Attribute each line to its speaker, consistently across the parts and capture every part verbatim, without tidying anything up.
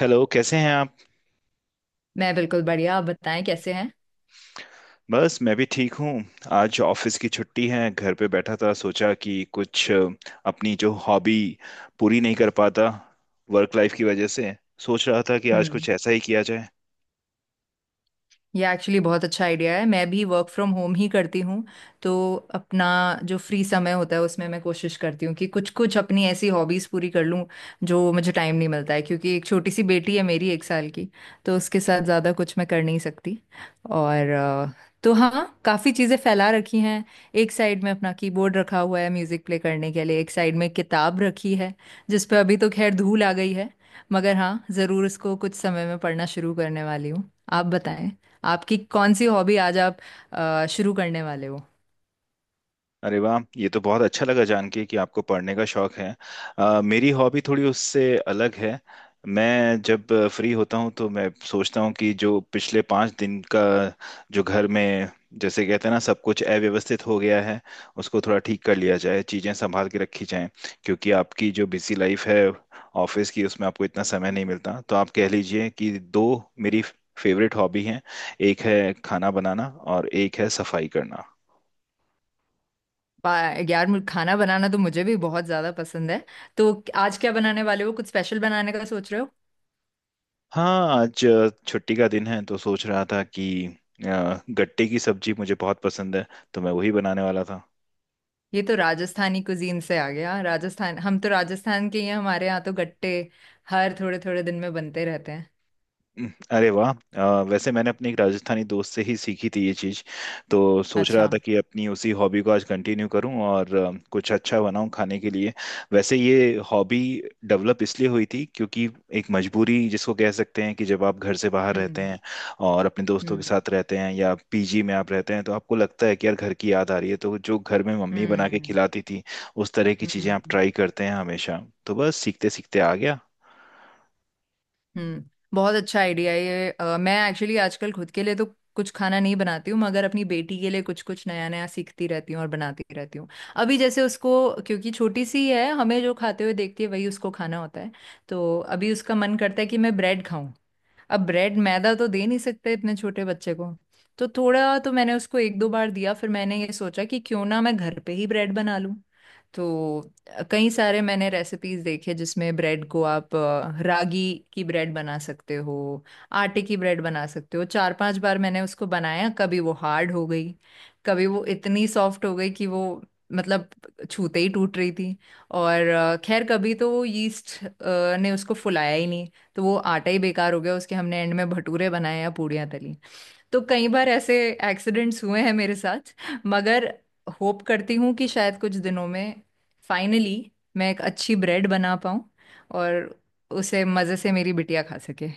Speaker 1: Hello, कैसे हैं आप?
Speaker 2: मैं बिल्कुल बढ़िया। आप बताएं कैसे हैं।
Speaker 1: बस मैं भी ठीक हूँ। आज ऑफिस की छुट्टी है, घर पे बैठा था, सोचा कि कुछ अ, अपनी जो हॉबी पूरी नहीं कर पाता वर्क लाइफ की वजह से, सोच रहा था कि आज
Speaker 2: हम्म।
Speaker 1: कुछ ऐसा ही किया जाए।
Speaker 2: ये एक्चुअली बहुत अच्छा आइडिया है। मैं भी वर्क फ्रॉम होम ही करती हूँ तो अपना जो फ्री समय होता है उसमें मैं कोशिश करती हूँ कि कुछ कुछ अपनी ऐसी हॉबीज़ पूरी कर लूँ जो मुझे टाइम नहीं मिलता है, क्योंकि एक छोटी सी बेटी है मेरी, एक साल की। तो उसके साथ ज़्यादा कुछ मैं कर नहीं सकती। और अ, तो हाँ, काफ़ी चीज़ें फैला रखी हैं। एक साइड में अपना कीबोर्ड रखा हुआ है म्यूज़िक प्ले करने के लिए, एक साइड में किताब रखी है जिस पे अभी तो खैर धूल आ गई है, मगर हाँ ज़रूर उसको कुछ समय में पढ़ना शुरू करने वाली हूँ। आप बताएं आपकी कौन सी हॉबी आज आप अ, शुरू करने वाले हो।
Speaker 1: अरे वाह, ये तो बहुत अच्छा लगा जान के कि आपको पढ़ने का शौक है। अ, मेरी हॉबी थोड़ी उससे अलग है। मैं जब फ्री होता हूँ तो मैं सोचता हूँ कि जो पिछले पाँच दिन का जो घर में, जैसे कहते हैं ना, सब कुछ अव्यवस्थित हो गया है उसको थोड़ा ठीक कर लिया जाए, चीज़ें संभाल के रखी जाएं। क्योंकि आपकी जो बिजी लाइफ है ऑफिस की, उसमें आपको इतना समय नहीं मिलता, तो आप कह लीजिए कि दो मेरी फेवरेट हॉबी हैं। एक है खाना बनाना और एक है सफाई करना।
Speaker 2: बा- यार, मुझे खाना बनाना तो मुझे भी बहुत ज्यादा पसंद है। तो आज क्या बनाने वाले हो, कुछ स्पेशल बनाने का सोच रहे हो?
Speaker 1: हाँ, आज अ, छुट्टी का दिन है तो सोच रहा था कि अ, गट्टे की सब्जी मुझे बहुत पसंद है, तो मैं वही बनाने वाला था।
Speaker 2: ये तो राजस्थानी कुजीन से आ गया। राजस्थान, हम तो राजस्थान के ही हैं। हमारे यहाँ तो गट्टे हर थोड़े थोड़े दिन में बनते रहते हैं।
Speaker 1: हम्म। अरे वाह, अ, वैसे मैंने अपने एक राजस्थानी दोस्त से ही सीखी थी ये चीज़। तो सोच रहा
Speaker 2: अच्छा।
Speaker 1: था कि अपनी उसी हॉबी को आज कंटिन्यू करूं और अ, कुछ अच्छा बनाऊं खाने के लिए। वैसे ये हॉबी डेवलप इसलिए हुई थी क्योंकि एक मजबूरी जिसको कह सकते हैं, कि जब आप घर से बाहर रहते
Speaker 2: हम्म
Speaker 1: हैं और अपने दोस्तों के
Speaker 2: हम्म
Speaker 1: साथ रहते हैं या पीजी में आप रहते हैं तो आपको लगता है कि यार घर की याद आ रही है, तो जो घर में मम्मी बना के
Speaker 2: हम्म
Speaker 1: खिलाती थी उस तरह की चीज़ें आप
Speaker 2: हम्म
Speaker 1: ट्राई करते हैं हमेशा, तो बस सीखते सीखते आ गया।
Speaker 2: हम्म। बहुत अच्छा आइडिया है ये। अ, मैं एक्चुअली आजकल खुद के लिए तो कुछ खाना नहीं बनाती हूँ, मगर अपनी बेटी के लिए कुछ कुछ नया नया सीखती रहती हूँ और बनाती रहती हूँ। अभी जैसे उसको, क्योंकि छोटी सी है, हमें जो खाते हुए देखती है वही उसको खाना होता है। तो अभी उसका मन करता है कि मैं ब्रेड खाऊं। अब ब्रेड मैदा तो दे नहीं सकते इतने छोटे बच्चे को, तो थोड़ा तो मैंने उसको एक दो बार दिया, फिर मैंने ये सोचा कि क्यों ना मैं घर पे ही ब्रेड बना लूं। तो अ, कई सारे मैंने रेसिपीज देखे जिसमें ब्रेड को आप अ, रागी की ब्रेड बना सकते हो, आटे की ब्रेड बना सकते हो। चार पांच बार मैंने उसको बनाया। कभी वो हार्ड हो गई, कभी वो इतनी सॉफ्ट हो गई कि वो मतलब छूते ही टूट रही थी। और अ, खैर कभी तो वो यीस्ट ने उसको फुलाया ही नहीं, तो वो आटा ही बेकार हो गया, उसके हमने एंड में भटूरे बनाए या पूड़ियाँ तली। तो कई बार ऐसे एक्सीडेंट्स हुए हैं मेरे साथ। मगर होप करती हूँ कि शायद कुछ दिनों में फाइनली मैं एक अच्छी ब्रेड बना पाऊँ और उसे मज़े से मेरी बिटिया खा सके।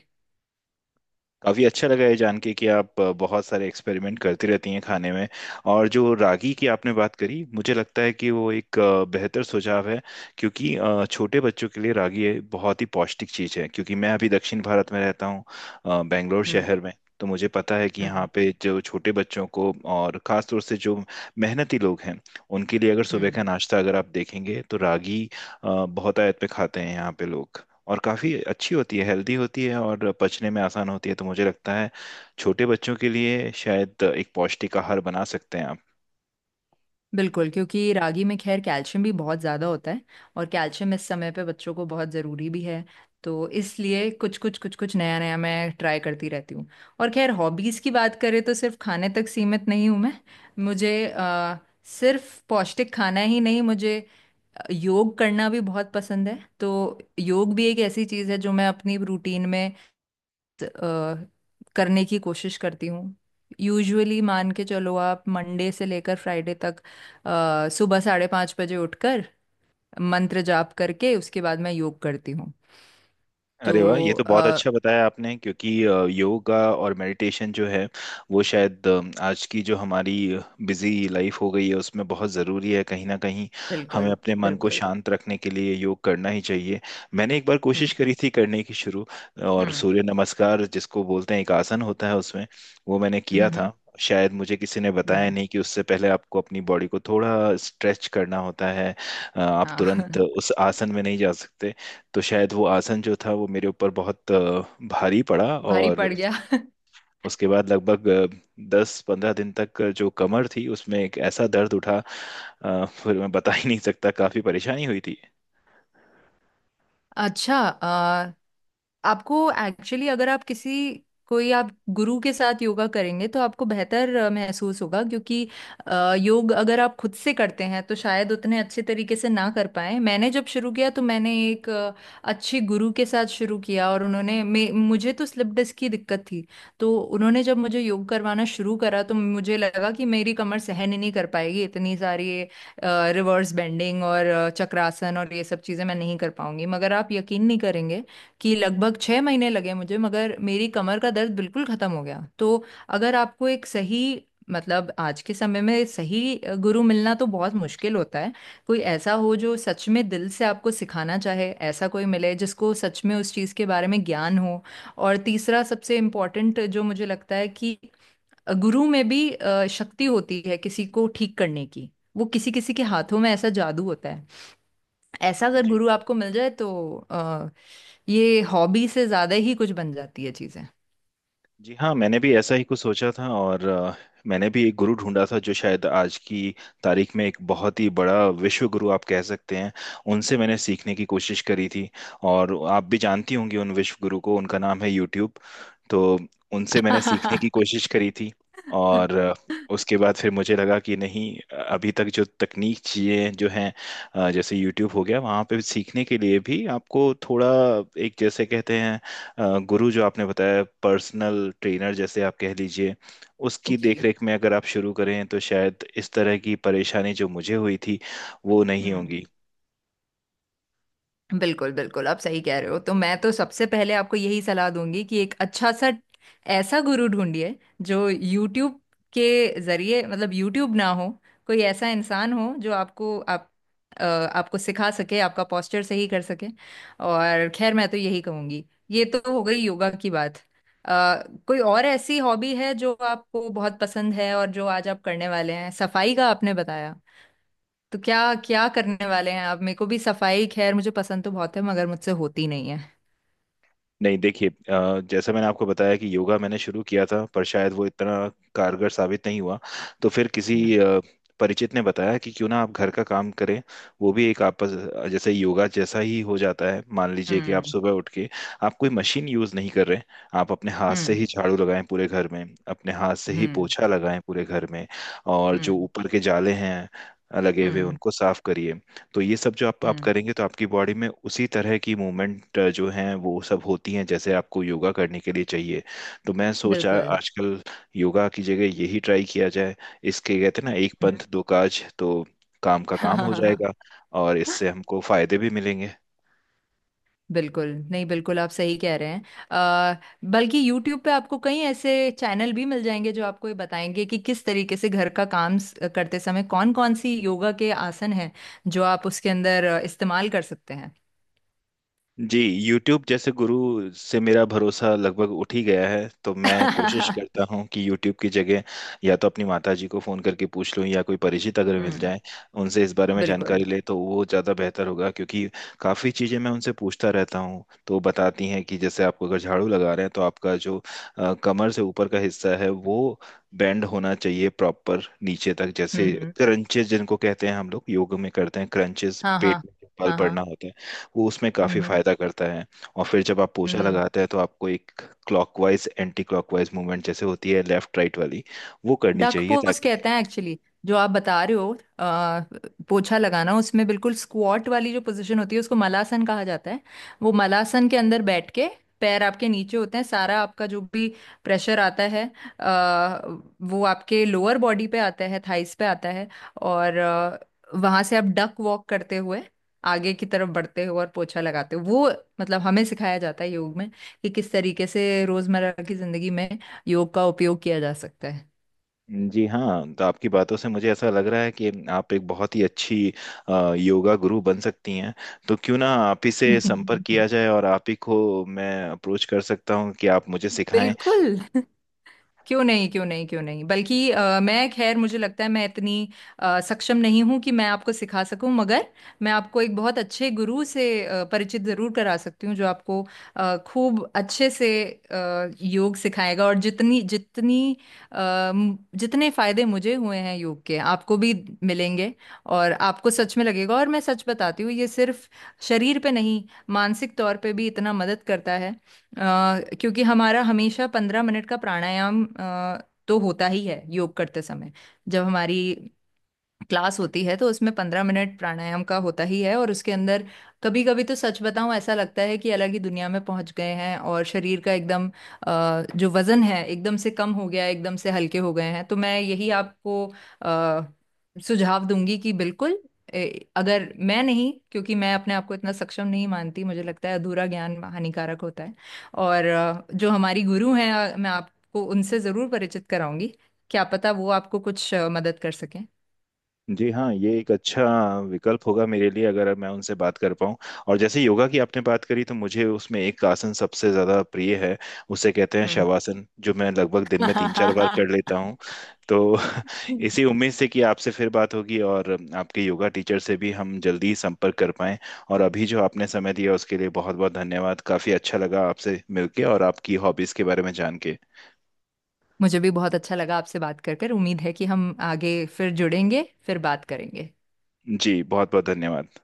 Speaker 1: काफ़ी अच्छा लगा ये जान के कि आप बहुत सारे एक्सपेरिमेंट करती रहती हैं खाने में। और जो रागी की आपने बात करी, मुझे लगता है कि वो एक अ, बेहतर सुझाव है, क्योंकि अ, छोटे बच्चों के लिए रागी ये बहुत ही पौष्टिक चीज़ है। क्योंकि मैं अभी दक्षिण भारत में रहता हूँ, अ, बेंगलोर
Speaker 2: हम्म
Speaker 1: शहर में। तो मुझे पता है कि यहाँ
Speaker 2: हम्म
Speaker 1: पे जो छोटे बच्चों को और ख़ास तौर से जो मेहनती लोग हैं उनके लिए, अगर सुबह
Speaker 2: हम्म।
Speaker 1: का नाश्ता अगर आप देखेंगे तो रागी अ, बहुत आयत पे खाते हैं यहाँ पे लोग। और काफ़ी अच्छी होती है, हेल्दी होती है और पचने में आसान होती है, तो मुझे लगता है छोटे बच्चों के लिए शायद एक पौष्टिक आहार बना सकते हैं आप।
Speaker 2: बिल्कुल, क्योंकि रागी में खैर कैल्शियम भी बहुत ज़्यादा होता है, और कैल्शियम इस समय पे बच्चों को बहुत ज़रूरी भी है। तो इसलिए कुछ कुछ कुछ कुछ नया नया मैं ट्राई करती रहती हूँ। और खैर हॉबीज़ की बात करें तो सिर्फ खाने तक सीमित नहीं हूँ मैं। मुझे अ, सिर्फ पौष्टिक खाना ही नहीं, मुझे योग करना भी बहुत पसंद है। तो योग भी एक ऐसी चीज़ है जो मैं अपनी रूटीन में अ, करने की कोशिश करती हूँ। यूजुअली मान के चलो आप मंडे से लेकर फ्राइडे तक अ, सुबह साढ़े पाँच बजे उठकर मंत्र जाप करके उसके बाद मैं योग करती हूँ। तो
Speaker 1: अरे वाह, ये तो बहुत
Speaker 2: अ,
Speaker 1: अच्छा बताया आपने, क्योंकि अ, योगा और मेडिटेशन जो है वो शायद अम, आज की जो हमारी बिजी लाइफ हो गई है उसमें बहुत ज़रूरी है कहीं ना कहीं, हमें
Speaker 2: बिल्कुल
Speaker 1: अपने मन को
Speaker 2: बिल्कुल।
Speaker 1: शांत रखने के लिए योग करना ही चाहिए। मैंने एक बार
Speaker 2: हम्म
Speaker 1: कोशिश करी थी करने की शुरू, और
Speaker 2: हम्म
Speaker 1: सूर्य नमस्कार जिसको बोलते हैं एक आसन होता है, उसमें वो मैंने किया
Speaker 2: हम्म हम्म
Speaker 1: था। शायद मुझे किसी ने बताया
Speaker 2: हम्म,
Speaker 1: नहीं कि उससे पहले आपको अपनी बॉडी को थोड़ा स्ट्रेच करना होता है, अ, आप
Speaker 2: हाँ
Speaker 1: तुरंत उस आसन में नहीं जा सकते। तो शायद वो आसन जो था वो मेरे ऊपर बहुत अ, भारी पड़ा,
Speaker 2: भारी
Speaker 1: और
Speaker 2: पड़
Speaker 1: उस-
Speaker 2: गया
Speaker 1: उसके बाद लगभग दस पंद्रह दिन तक जो कमर थी उसमें एक ऐसा दर्द उठा अ, फिर मैं बता ही नहीं सकता, काफी परेशानी हुई थी।
Speaker 2: अच्छा, आपको एक्चुअली अगर आप किसी कोई आप गुरु के साथ योगा करेंगे तो आपको बेहतर अ, महसूस होगा, क्योंकि अ, योग अगर आप खुद से करते हैं तो शायद उतने अच्छे तरीके से ना कर पाए। मैंने जब शुरू किया तो मैंने एक अ, अच्छे गुरु के साथ शुरू किया, और उन्होंने मे, मुझे तो स्लिप डिस्क की दिक्कत थी। तो उन्होंने जब मुझे योग करवाना शुरू करा तो मुझे लगा कि मेरी कमर सहन ही नहीं कर पाएगी इतनी सारी रिवर्स बेंडिंग, और अ, चक्रासन और ये सब चीज़ें मैं नहीं कर पाऊंगी। मगर आप यकीन नहीं करेंगे कि लगभग छः महीने लगे मुझे, मगर मेरी कमर का दर्द बिल्कुल ख़त्म हो गया। तो अगर आपको एक सही मतलब आज के समय में सही अ, गुरु मिलना तो बहुत मुश्किल होता है। कोई ऐसा हो जो सच में दिल से आपको सिखाना चाहे, ऐसा कोई मिले जिसको सच में उस चीज़ के बारे में ज्ञान हो। और तीसरा सबसे इम्पोर्टेंट जो मुझे लगता है कि गुरु में भी अ, शक्ति होती है किसी को ठीक करने की, वो किसी किसी के हाथों में ऐसा जादू होता है। ऐसा अगर
Speaker 1: जी।
Speaker 2: गुरु आपको मिल जाए तो अ, ये हॉबी से ज्यादा ही कुछ बन जाती है चीजें।
Speaker 1: जी हाँ, मैंने भी ऐसा ही कुछ सोचा था, और अ, मैंने भी एक गुरु ढूंढा था जो शायद आज की तारीख में एक बहुत ही बड़ा विश्व गुरु आप कह सकते हैं। उनसे मैंने सीखने की कोशिश करी थी, और आप भी जानती होंगी उन विश्व गुरु को, उनका नाम है यूट्यूब। तो उनसे मैंने सीखने की
Speaker 2: हम्म।
Speaker 1: कोशिश करी थी, और अ, उसके बाद फिर मुझे लगा कि नहीं, अभी तक जो तकनीक चीज़ें जो हैं अ, जैसे यूट्यूब हो गया वहाँ पे सीखने के लिए भी आपको थोड़ा एक, जैसे कहते हैं, अ, गुरु जो आपने बताया, पर्सनल ट्रेनर जैसे आप कह लीजिए उसकी
Speaker 2: जी।
Speaker 1: देखरेख में अगर आप शुरू करें तो शायद इस तरह की परेशानी जो मुझे हुई थी वो नहीं
Speaker 2: हम्म।
Speaker 1: होंगी।
Speaker 2: बिल्कुल बिल्कुल, आप सही कह रहे हो। तो मैं तो सबसे पहले आपको यही सलाह दूंगी कि एक अच्छा सा ऐसा गुरु ढूंढिए जो YouTube के जरिए, मतलब YouTube ना हो, कोई ऐसा इंसान हो जो आपको आप अ, आपको सिखा सके, आपका पोस्चर सही कर सके। और खैर मैं तो यही कहूंगी। ये तो हो गई योगा की बात। अ, कोई और ऐसी हॉबी है जो आपको बहुत पसंद है और जो आज आप करने वाले हैं, सफाई का आपने बताया, तो क्या क्या करने वाले हैं आप? मेरे को भी सफाई खैर मुझे पसंद तो बहुत है, मगर मुझसे होती नहीं है।
Speaker 1: नहीं, देखिए, अ, जैसा मैंने आपको बताया कि योगा मैंने शुरू किया था पर शायद वो इतना कारगर साबित नहीं हुआ। तो फिर
Speaker 2: हम्म
Speaker 1: किसी अ, परिचित ने बताया कि क्यों ना आप घर का काम करें, वो भी एक आपस जैसे योगा जैसा ही हो जाता है। मान लीजिए कि आप
Speaker 2: हम्म
Speaker 1: सुबह उठ के आप कोई मशीन यूज़ नहीं कर रहे, आप अपने हाथ से
Speaker 2: हम्म
Speaker 1: ही झाड़ू लगाएं पूरे घर में, अपने हाथ से ही
Speaker 2: हम्म
Speaker 1: पोछा लगाएं पूरे घर में, और जो
Speaker 2: हम्म
Speaker 1: ऊपर के जाले हैं लगे हुए
Speaker 2: हम्म
Speaker 1: उनको साफ करिए। तो ये सब जो आप आप
Speaker 2: हम्म,
Speaker 1: करेंगे तो आपकी बॉडी में उसी तरह की मूवमेंट जो हैं वो सब होती हैं जैसे आपको योगा करने के लिए चाहिए। तो मैं सोचा
Speaker 2: बिल्कुल।
Speaker 1: आजकल योगा की जगह यही ट्राई किया जाए, इसके कहते हैं ना, एक
Speaker 2: हम्म।
Speaker 1: पंथ दो काज, तो काम का काम हो जाएगा और इससे हमको फायदे भी मिलेंगे।
Speaker 2: बिल्कुल नहीं, बिल्कुल आप सही कह रहे हैं। आ, बल्कि YouTube पे आपको कई ऐसे चैनल भी मिल जाएंगे जो आपको ये बताएंगे कि किस तरीके से घर का काम स- करते समय कौन कौन सी योगा के आसन हैं जो आप उसके अंदर अ, इस्तेमाल कर सकते हैं।
Speaker 1: जी, YouTube जैसे गुरु से मेरा भरोसा लगभग उठ ही गया है, तो मैं कोशिश करता हूँ कि YouTube की जगह या तो अपनी माता जी को फ़ोन करके पूछ लूँ, या कोई परिचित अगर मिल
Speaker 2: हम्म।
Speaker 1: जाए उनसे इस बारे में जानकारी
Speaker 2: बिल्कुल।
Speaker 1: ले, तो वो ज़्यादा बेहतर होगा। क्योंकि काफ़ी चीज़ें मैं उनसे पूछता रहता हूँ तो वो बताती हैं कि जैसे आपको अगर झाड़ू लगा रहे हैं तो आपका जो अ, कमर से ऊपर का हिस्सा है वो बेंड होना चाहिए प्रॉपर नीचे तक,
Speaker 2: हम्म
Speaker 1: जैसे
Speaker 2: हम्म,
Speaker 1: क्रंचेस जिनको कहते हैं हम लोग योग में करते हैं क्रंचेस,
Speaker 2: हाँ हाँ।
Speaker 1: पेट में जो बल
Speaker 2: हाँ
Speaker 1: पड़ना
Speaker 2: हाँ।
Speaker 1: होता है वो उसमें काफी
Speaker 2: हम्म
Speaker 1: फायदा करता है। और फिर जब आप पोछा
Speaker 2: हम्म।
Speaker 1: लगाते हैं तो आपको एक क्लॉकवाइज एंटी क्लॉकवाइज मूवमेंट जैसे होती है, लेफ्ट राइट वाली, वो करनी
Speaker 2: डक
Speaker 1: चाहिए
Speaker 2: पोज
Speaker 1: ताकि...
Speaker 2: कहते हैं एक्चुअली जो आप बता रहे हो। आ, पोछा लगाना उसमें बिल्कुल स्क्वाट वाली जो पोजीशन होती है उसको मलासन कहा जाता है। वो मलासन के अंदर बैठ के पैर आपके नीचे होते हैं, सारा आपका जो भी प्रेशर आता है आ, वो आपके लोअर बॉडी पे आता है, थाइस पे आता है। और आ, वहां से आप डक वॉक करते हुए आगे की तरफ बढ़ते हो और पोछा लगाते हो वो, मतलब हमें सिखाया जाता है योग में कि किस तरीके से रोजमर्रा की जिंदगी में योग का उपयोग किया जा सकता है।
Speaker 1: जी हाँ, तो आपकी बातों से मुझे ऐसा लग रहा है कि आप एक बहुत ही अच्छी अ, योगा गुरु बन सकती हैं, तो क्यों ना आप ही से संपर्क किया जाए और आप ही को मैं अप्रोच कर सकता हूँ कि आप मुझे सिखाएं।
Speaker 2: बिल्कुल, क्यों नहीं क्यों नहीं क्यों नहीं। बल्कि अ, मैं खैर मुझे लगता है मैं इतनी अ, सक्षम नहीं हूं कि मैं आपको सिखा सकूं, मगर मैं आपको एक बहुत अच्छे गुरु से अ, परिचित जरूर करा सकती हूँ जो आपको अ, खूब अच्छे से अ, योग सिखाएगा। और जितनी जितनी अ, म- जितने फायदे मुझे हुए हैं योग के आपको भी मिलेंगे। और आपको सच में लगेगा, और मैं सच बताती हूँ ये सिर्फ शरीर पे नहीं, मानसिक तौर पे भी इतना मदद करता है। अ, क्योंकि हमारा हमेशा पंद्रह मिनट का प्राणायाम अ, तो होता ही है योग करते समय। जब हमारी क्लास होती है तो उसमें पंद्रह मिनट प्राणायाम का होता ही है, और उसके अंदर कभी कभी तो सच बताऊं ऐसा लगता है कि अलग ही दुनिया में पहुंच गए हैं और शरीर का एकदम अ, जो वजन है एकदम से कम हो गया है, एकदम से हल्के हो गए हैं। तो मैं यही आपको अ, सुझाव दूंगी कि बिल्कुल ए, अगर मैं नहीं, क्योंकि मैं अपने आप को इतना सक्षम नहीं मानती, मुझे लगता है अधूरा ज्ञान हानिकारक होता है। और अ, जो हमारी गुरु हैं अ, मैं आपको उनसे ज़रूर परिचित कराऊंगी। क्या पता वो आपको कुछ अ, मदद कर सकें।
Speaker 1: जी हाँ, ये एक अच्छा विकल्प होगा मेरे लिए अगर मैं उनसे बात कर पाऊँ। और जैसे योगा की आपने बात करी तो मुझे उसमें एक आसन सबसे ज़्यादा प्रिय है, उसे कहते हैं
Speaker 2: हम्म।
Speaker 1: शवासन, जो मैं लगभग दिन में तीन चार बार कर लेता हूँ। तो इसी उम्मीद से कि आपसे फिर बात होगी और आपके योगा टीचर से भी हम जल्दी ही संपर्क कर पाएँ। और अभी जो आपने समय दिया उसके लिए बहुत बहुत धन्यवाद, काफ़ी अच्छा लगा आपसे मिलके और आपकी हॉबीज़ के बारे में जान के।
Speaker 2: मुझे भी बहुत अच्छा लगा आपसे बात कर कर। उम्मीद है कि हम आगे फिर जुड़ेंगे, फिर बात करेंगे।
Speaker 1: जी, बहुत बहुत धन्यवाद।